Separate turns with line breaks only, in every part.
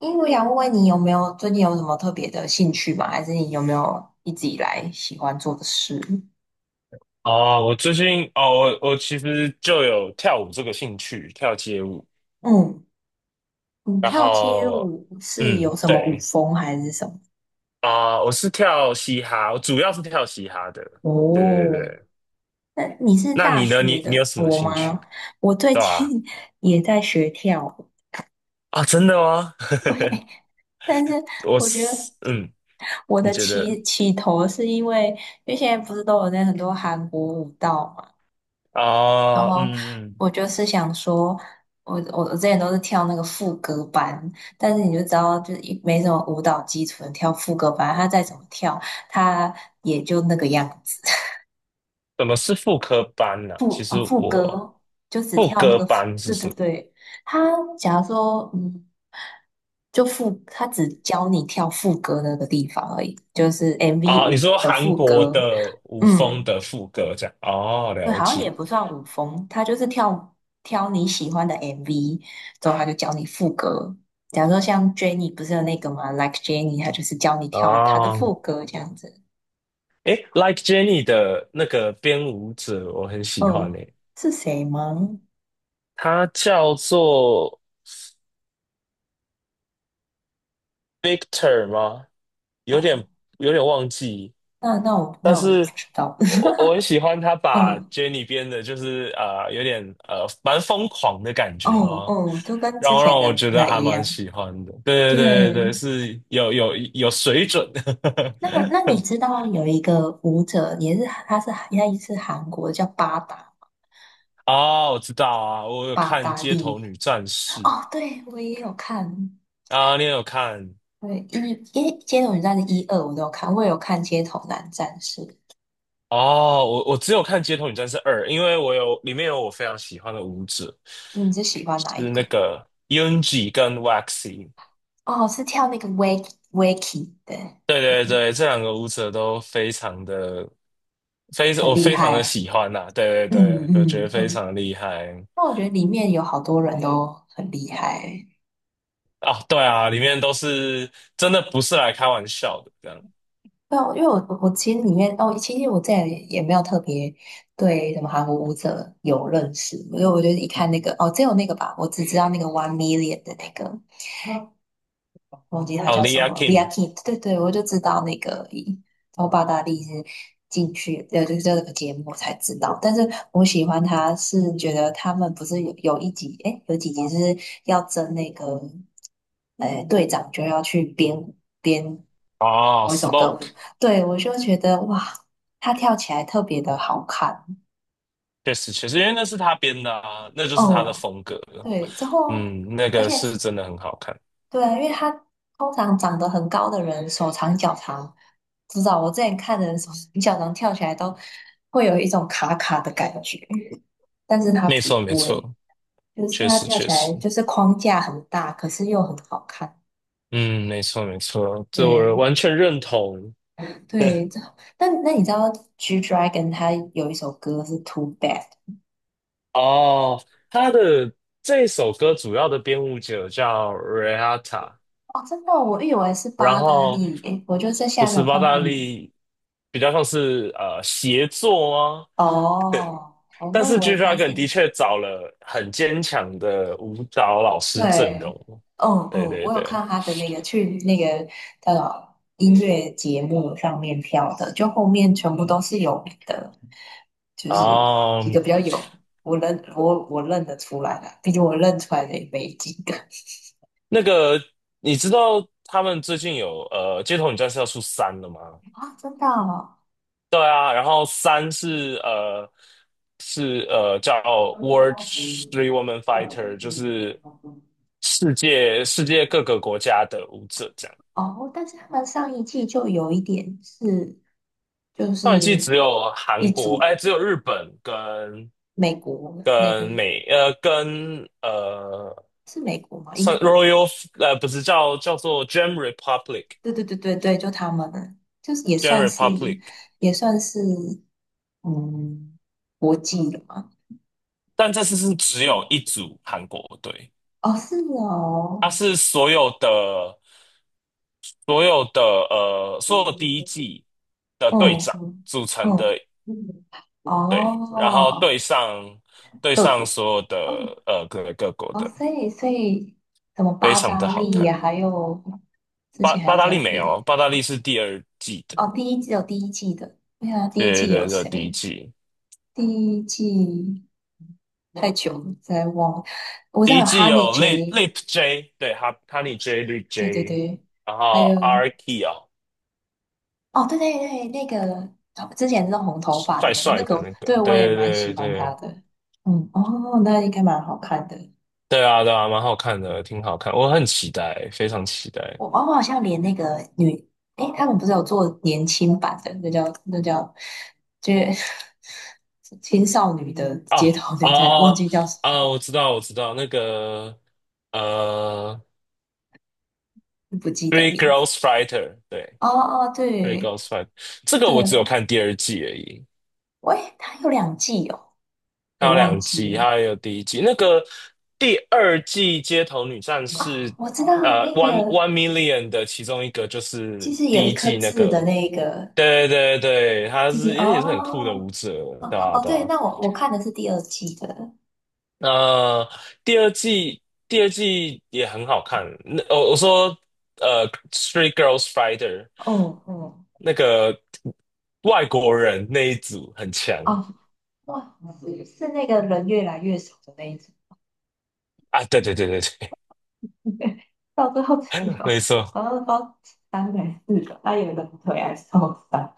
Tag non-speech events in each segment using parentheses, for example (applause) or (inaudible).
因为我想问问你有没有最近有什么特别的兴趣吗？还是你有没有一直以来喜欢做的事？
哦，我最近我其实就有跳舞这个兴趣，跳街舞。
嗯。你
然
跳街
后，
舞是
嗯，
有什么舞
对
风还是什么？
啊，我是跳嘻哈，我主要是跳嘻哈的。对对
哦，
对，
那你是
那
大
你呢？你
学
你有
的
什么
我
兴趣？
吗？我最
对吧？
近 (laughs) 也在学跳舞。
啊，真的吗？(laughs)
对，但是
我
我觉得
是
我
你
的
觉得
起头是因为，因为现在不是都有在很多韩国舞蹈。然
啊，
后我就是想说，我之前都是跳那个副歌班，但是你就知道，就是一没什么舞蹈基础的跳副歌班，他再怎么跳，他也就那个样子。(laughs)
怎么是副科班呢、其实
副
我
歌就只
副
跳那
歌
个副，
班是
对对
什么
对。他假如说就副他只教你跳副歌那个地方而已，就是 MV
啊？你
五
说
的
韩
副
国
歌。
的舞风
嗯。
的副歌这样？哦，
对，
了
好像也
解。
不算舞风，他就是跳挑你喜欢的 MV，之后他就教你副歌。假如说像 Jennie 不是有那个嘛，Like Jennie，他就是教你跳他的
哦，
副歌这样子。
诶，Like Jenny 的那个编舞者，我很喜欢
嗯，
诶，
是谁吗？
他叫做 Victor 吗？有点
哦，
有点忘记，
那那我
但
那我不
是
知道。
我很喜欢他
(laughs)
把
嗯，
Jenny 编的，就是啊有点蛮疯狂的感觉
哦
哦，
哦，就跟
然
之
后让
前的
我觉
不
得
太
还
一
蛮
样。
喜欢的。对对对对对，
对，
是有水准的。
那你
(laughs)
知道有一个舞者也是，他也是韩国的，叫八达
啊，我知道啊，我有
八
看
达
《街头
利。
女战士》
哦，对，我也有看。
啊，你也有看？
对，为街头女战的一二我都有看，我也有看街头男战士。
哦，我只有看《街头女战士二》，因为里面有我非常喜欢的舞者，
你是喜欢哪一
是
个
那
吗？
个 Yunji 跟 Waxy。
哦，是跳那个 wake wakey。对，
对
对
对
对，
对，这两个舞者都非常的非
很
我
厉
非常的
害。
喜欢呐、对对
嗯
对，我觉
嗯，
得非
嗯，
常厉害
那我觉得里面有好多人都很厉害。
啊、对啊，里面都是真的不是来开玩笑的这样。
对啊，因为我其实里面哦，其实我这也没有特别对什么韩国舞者有认识，因为我觉得一看那个哦，只有那个吧，我只知道那个 One Million 的那个。忘记他
啊
叫
l i
什
a
么 l i
Kim
a k i， 对对，我就知道那个而然后巴达利是进去，就是这个节目我才知道。但是我喜欢他是觉得他们不是有一集，诶，有几集是要争那个，诶，队长就要去编
哦
某一首歌舞。
，Smoke
对，我就觉得哇，他跳起来特别的好看。
确实确实，因为那是他编的啊，那就是他的
哦，
风格了。
对，之后，
嗯，那
而
个
且
是真的很好看，
对，啊，因为他通常长得很高的人，手长脚长，知道我之前看的人手脚长跳起来都会有一种卡卡的感觉，但是他
没
不
错没
会，
错。
就是
确
他
实
跳
确
起
实，
来就是框架很大，可是又很好看。
嗯，没错没错，这我
对
完全认同。(laughs)
对，这，那你知道 G Dragon 他有一首歌是 Too Bad。
哦，他的这首歌主要的编舞者叫 Rihana
哦，真的哦，我以为是
然
八达
后
利，诶，我就在
不
下面
是
有
巴
看到
达
你。
利，比较像是协作啊。
哦，
但
我以
是
为他是。
G-Dragon 的确找了很坚强的舞蹈老师阵
对，
容。
嗯
对
嗯，
对
我有
对，
看他的那个去那个音乐节目上面跳的，就后面全部都是有名的，就是几
哦，
个比较有我认得出来的，毕竟我认出来的也没几个
那个你知道他们最近有《街头女战士》要出三了吗？
(laughs) 啊，真的哦。
对啊，然后三是叫 World Three Woman Fighter，就是世界世界各个国家的舞者这样。
哦，但是他们上一季就有一点是，就
上一季
是
只有
一
韩国，
组
哎，只有日本跟
美国，那
跟
个
跟
是美国吗？英
算
国？
Royal 不是叫做 Gem Republic
对对对对对，就他们，就是也
Gem
算是，
Republic，
也算是。嗯，国际的吗？
但这次是只有一组韩国队，
哦，是
它
哦。
是所有的所有第一季的队
嗯
长
嗯，
组成的，
嗯，
对，然后
哦，
对上对
各
上
国。
所有
嗯，
的各国
哦，
的，
所以什么
非
八
常的
大
好
利
看。
呀，还有之
巴
前还
巴
有
达
谁
利没有，
里。
巴达利是第二季的，
哦，第一季有第一季的，对啊，第一
对
季有
对对，这第一
谁？
季，
第一季太久了，再忘了，我知
第
道
一
有
季
哈尼
有
J，
Lip J，对，哈尼 J Lip
对对
J，
对，
然
还
后
有。
RK 哦，
哦，对对对，那个哦之前弄红头发的
帅
那个，那
帅的
个
那
对
个，
我也
对
蛮喜
对对
欢她
对
的。嗯，哦，那应该蛮好看的。
对啊对啊，蛮好看的，挺好看，我很期待，非常期待。
我好像连那个女，诶，他们不是有做年轻版的，那叫，就是 (laughs) 青少女的街
啊
头
啊
女战士，忘记叫什
啊！我知道，我知道，那个呃，
么，不记得
《Three
名字。
Girls Fighter》对，
哦哦，
《Three
对
Girls Fighter》这个
对，
我只有看第二季而已，
喂，它有两季哦，
还
我
有
忘
两季，它
记。
还有第一季。那个第二季《街头女战士》
我知道那个
One Million》的其中一个就
就
是
是有
第
一
一
颗
季那
痣的
个，
那个，
对对对，
就是
也也是很酷的
哦。
舞者，对
哦
啊
哦，
对
对，
啊
那我看的是第二季的。
那、第二季也很好看。那我说《Three Girls Fighter》
嗯嗯，
那个外国人那一组很强
哦，哇，是那个人越来越少的那一种。
啊！对对对对
(laughs) 到最后只
对，
有
(laughs) 没错，
好像包三个还是四个，那有一个腿还受伤。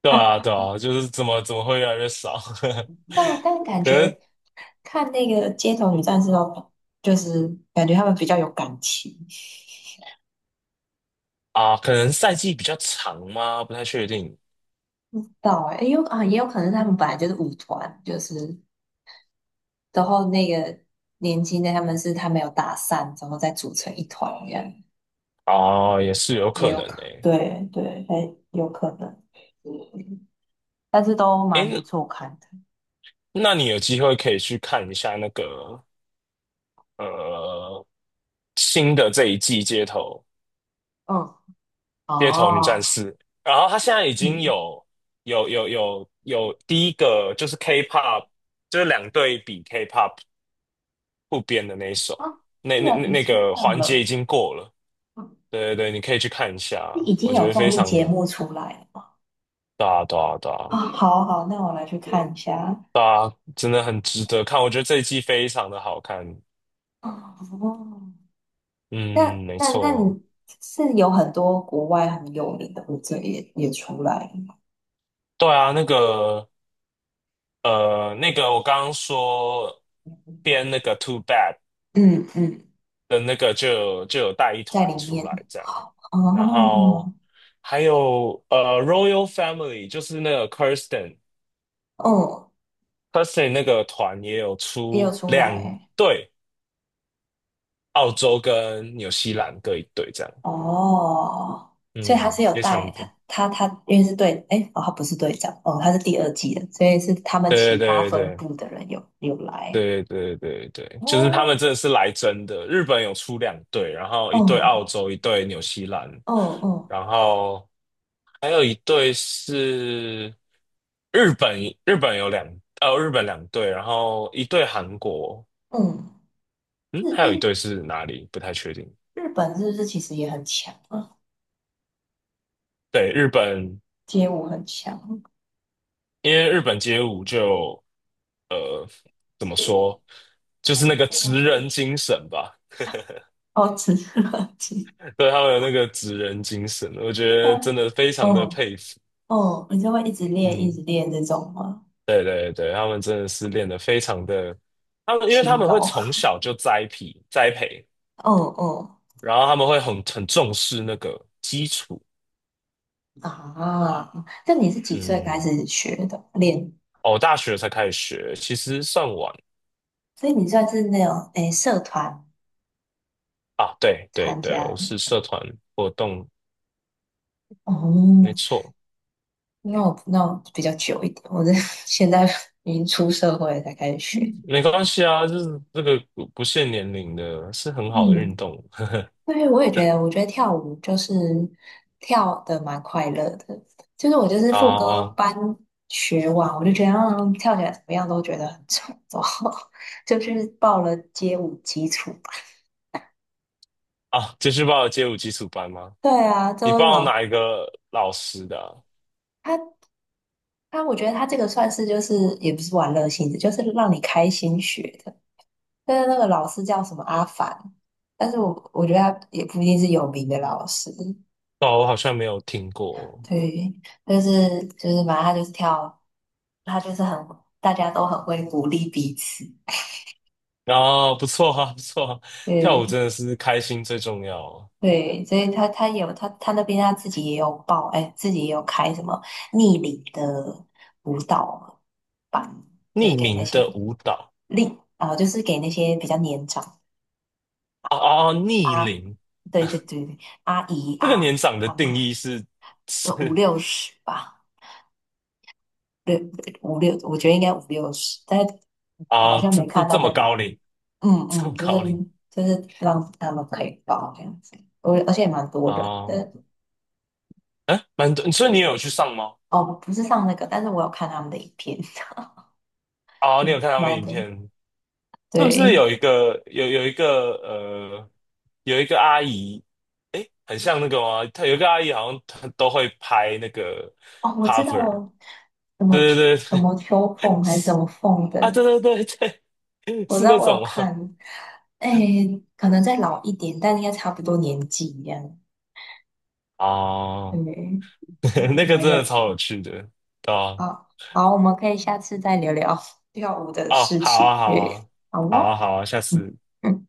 对啊
啊，
对啊，就是怎么会越来越少？
但
(laughs)
感
可能
觉看那个街头女战士哦，就是感觉他们比较有感情。
啊，可能赛季比较长吗？不太确定
到哎、欸有啊，也有可能是他们本来就是舞团，就是然后那个年轻的他们是他没有打散，然后再组成一团这样。
啊，也是有
也
可
有
能
可能。
的。
对对，哎，有可能，但是都蛮不
诶，
错看的。
那你有机会可以去看一下那个呃新的这一季街头。
嗯。
街头女战
哦。
士，然后她现在已经
嗯。
有第一个就是 K-pop，就是两队比 K-pop 不编的那一
啊，
首，那
这
那
个
那
已
那
经
个
上
环节已
了。
经过了。
嗯，
对对对，你可以去看一下，
已
我
经
觉
有
得
综
非
艺
常
节
的
目出来了吗？
大大大
啊，好好，那我来去看一下。
大，真的很值得看。我觉得这一季非常的好看。
哦，那
嗯，没
那那
错。
你是有很多国外很有名的舞者也出来了吗？
对啊，那个我刚刚说编那个 Too Bad
嗯嗯，
的那个就有带一
在
团
里
出
面
来这样，然
哦。
后还有Royal Family 就是那个
哦，
Kirsten 那个团也有
也有
出
出
两
来。
队，澳洲跟纽西兰各一队这样，
哦，所以他是
嗯，
有
非
带
常的，
他，因为是队，诶，哦，他不是队长，哦，他是第二季的，所以是他们
对
其他
对
分
对
部的人有来。
对对对对对，就是他们
哦，
真的是来真的，日本有出两队，然后一队澳
哦，
洲，一队纽西兰，
哦，哦，
然后，还有一对是日本，日本有两，呃，日本两队，然后一队韩国，
嗯，
嗯，
日
还有一
日
队是哪里？不太确定。
日本是不是其实也很强啊？
对，日本，
街舞很强。
因为日本街舞就怎么说，就是那个职人精神吧，
哦，只是垃圾。
(laughs) 对，他们有那个职人精神，我觉
(laughs)
得真
啊，
的非常的
嗯
佩服。
嗯，你就会一直练一
嗯，
直练这种吗？
对对对，他们真的是练得非常的，他们因为他
勤
们会
劳。(laughs)
从小就栽培栽培，
嗯嗯，
然后他们会很重视那个基础。
啊，那你是几岁开
嗯，
始学的？练
哦，我大学才开始学，其实算晚
所以你算是那种诶社团
啊。对对
参
对，
加
我
的
是社团活动，
哦？
没错，
那我比较久一点，我是 (laughs) 现在已经出社会了才开始学。
没关系啊，就是这个不限年龄的，是很好的运
嗯，
动
对，我也觉得，我觉得跳舞就是跳的蛮快乐的，就是我就
(laughs)
是副歌
啊
班学完，我就觉得跳起来怎么样都觉得很丑，然后 (laughs) 就去报了街舞基础班。
啊！继续报街舞基础班吗？
对啊，
你
都
报哪
老，
一个老师的啊
他我觉得他这个算是就是也不是玩乐性质，就是让你开心学的。但是那个老师叫什么阿凡，但是我觉得他也不一定是有名的老师。
哦，我好像没有听过。
对，就是反正他就是跳，他就是很大家都很会鼓励彼此。
啊，不错啊，不错啊跳舞
对
真的是开心最重要啊
对，所以他有他那边他自己也有报，哎，自己也有开什么逆龄的舞蹈班，就是
匿
给那
名
些
的舞蹈
力啊、呃就是给那些比较年长，
啊啊啊！逆
啊，
龄
对对对，阿姨
这个年
啊，
长的
阿
定
妈，
义是
有五
是 (laughs)
六十吧。对，五六，我觉得应该五六十，但是我好
啊，
像
这
没
这
看到
这么
在老。
高龄，
嗯
这
嗯，
么
就是
高龄
就是让他们可以报这样子，我而且也蛮多人
哦，
的。
哎，蛮多，所以你有去上吗？
哦，不是上那个，但是我有看他们的影片，(laughs)
哦，你
就
有看他们
蛮
影
多，
片，是不是
对。
有一个阿姨，哎，很像那个吗？她有一个阿姨好像她都会拍那个
哦，我知
cover，
道什么
对
秋，
对
什
对
么秋
对，
凤还是什么凤
啊，对
的。
对对对，
我知
是
道
那
我有
种吗？
看，哎，可能再老一点，但应该差不多年纪一样。
哦，
对，我
(laughs)
觉得
那个真
蛮
的
有
超
趣。
有趣的，对啊
好，好，我们可以下次再聊聊跳舞的
哦，
事
好啊
情。
好
耶，
啊
好
好啊
哦。
好啊，下
嗯。
次。
嗯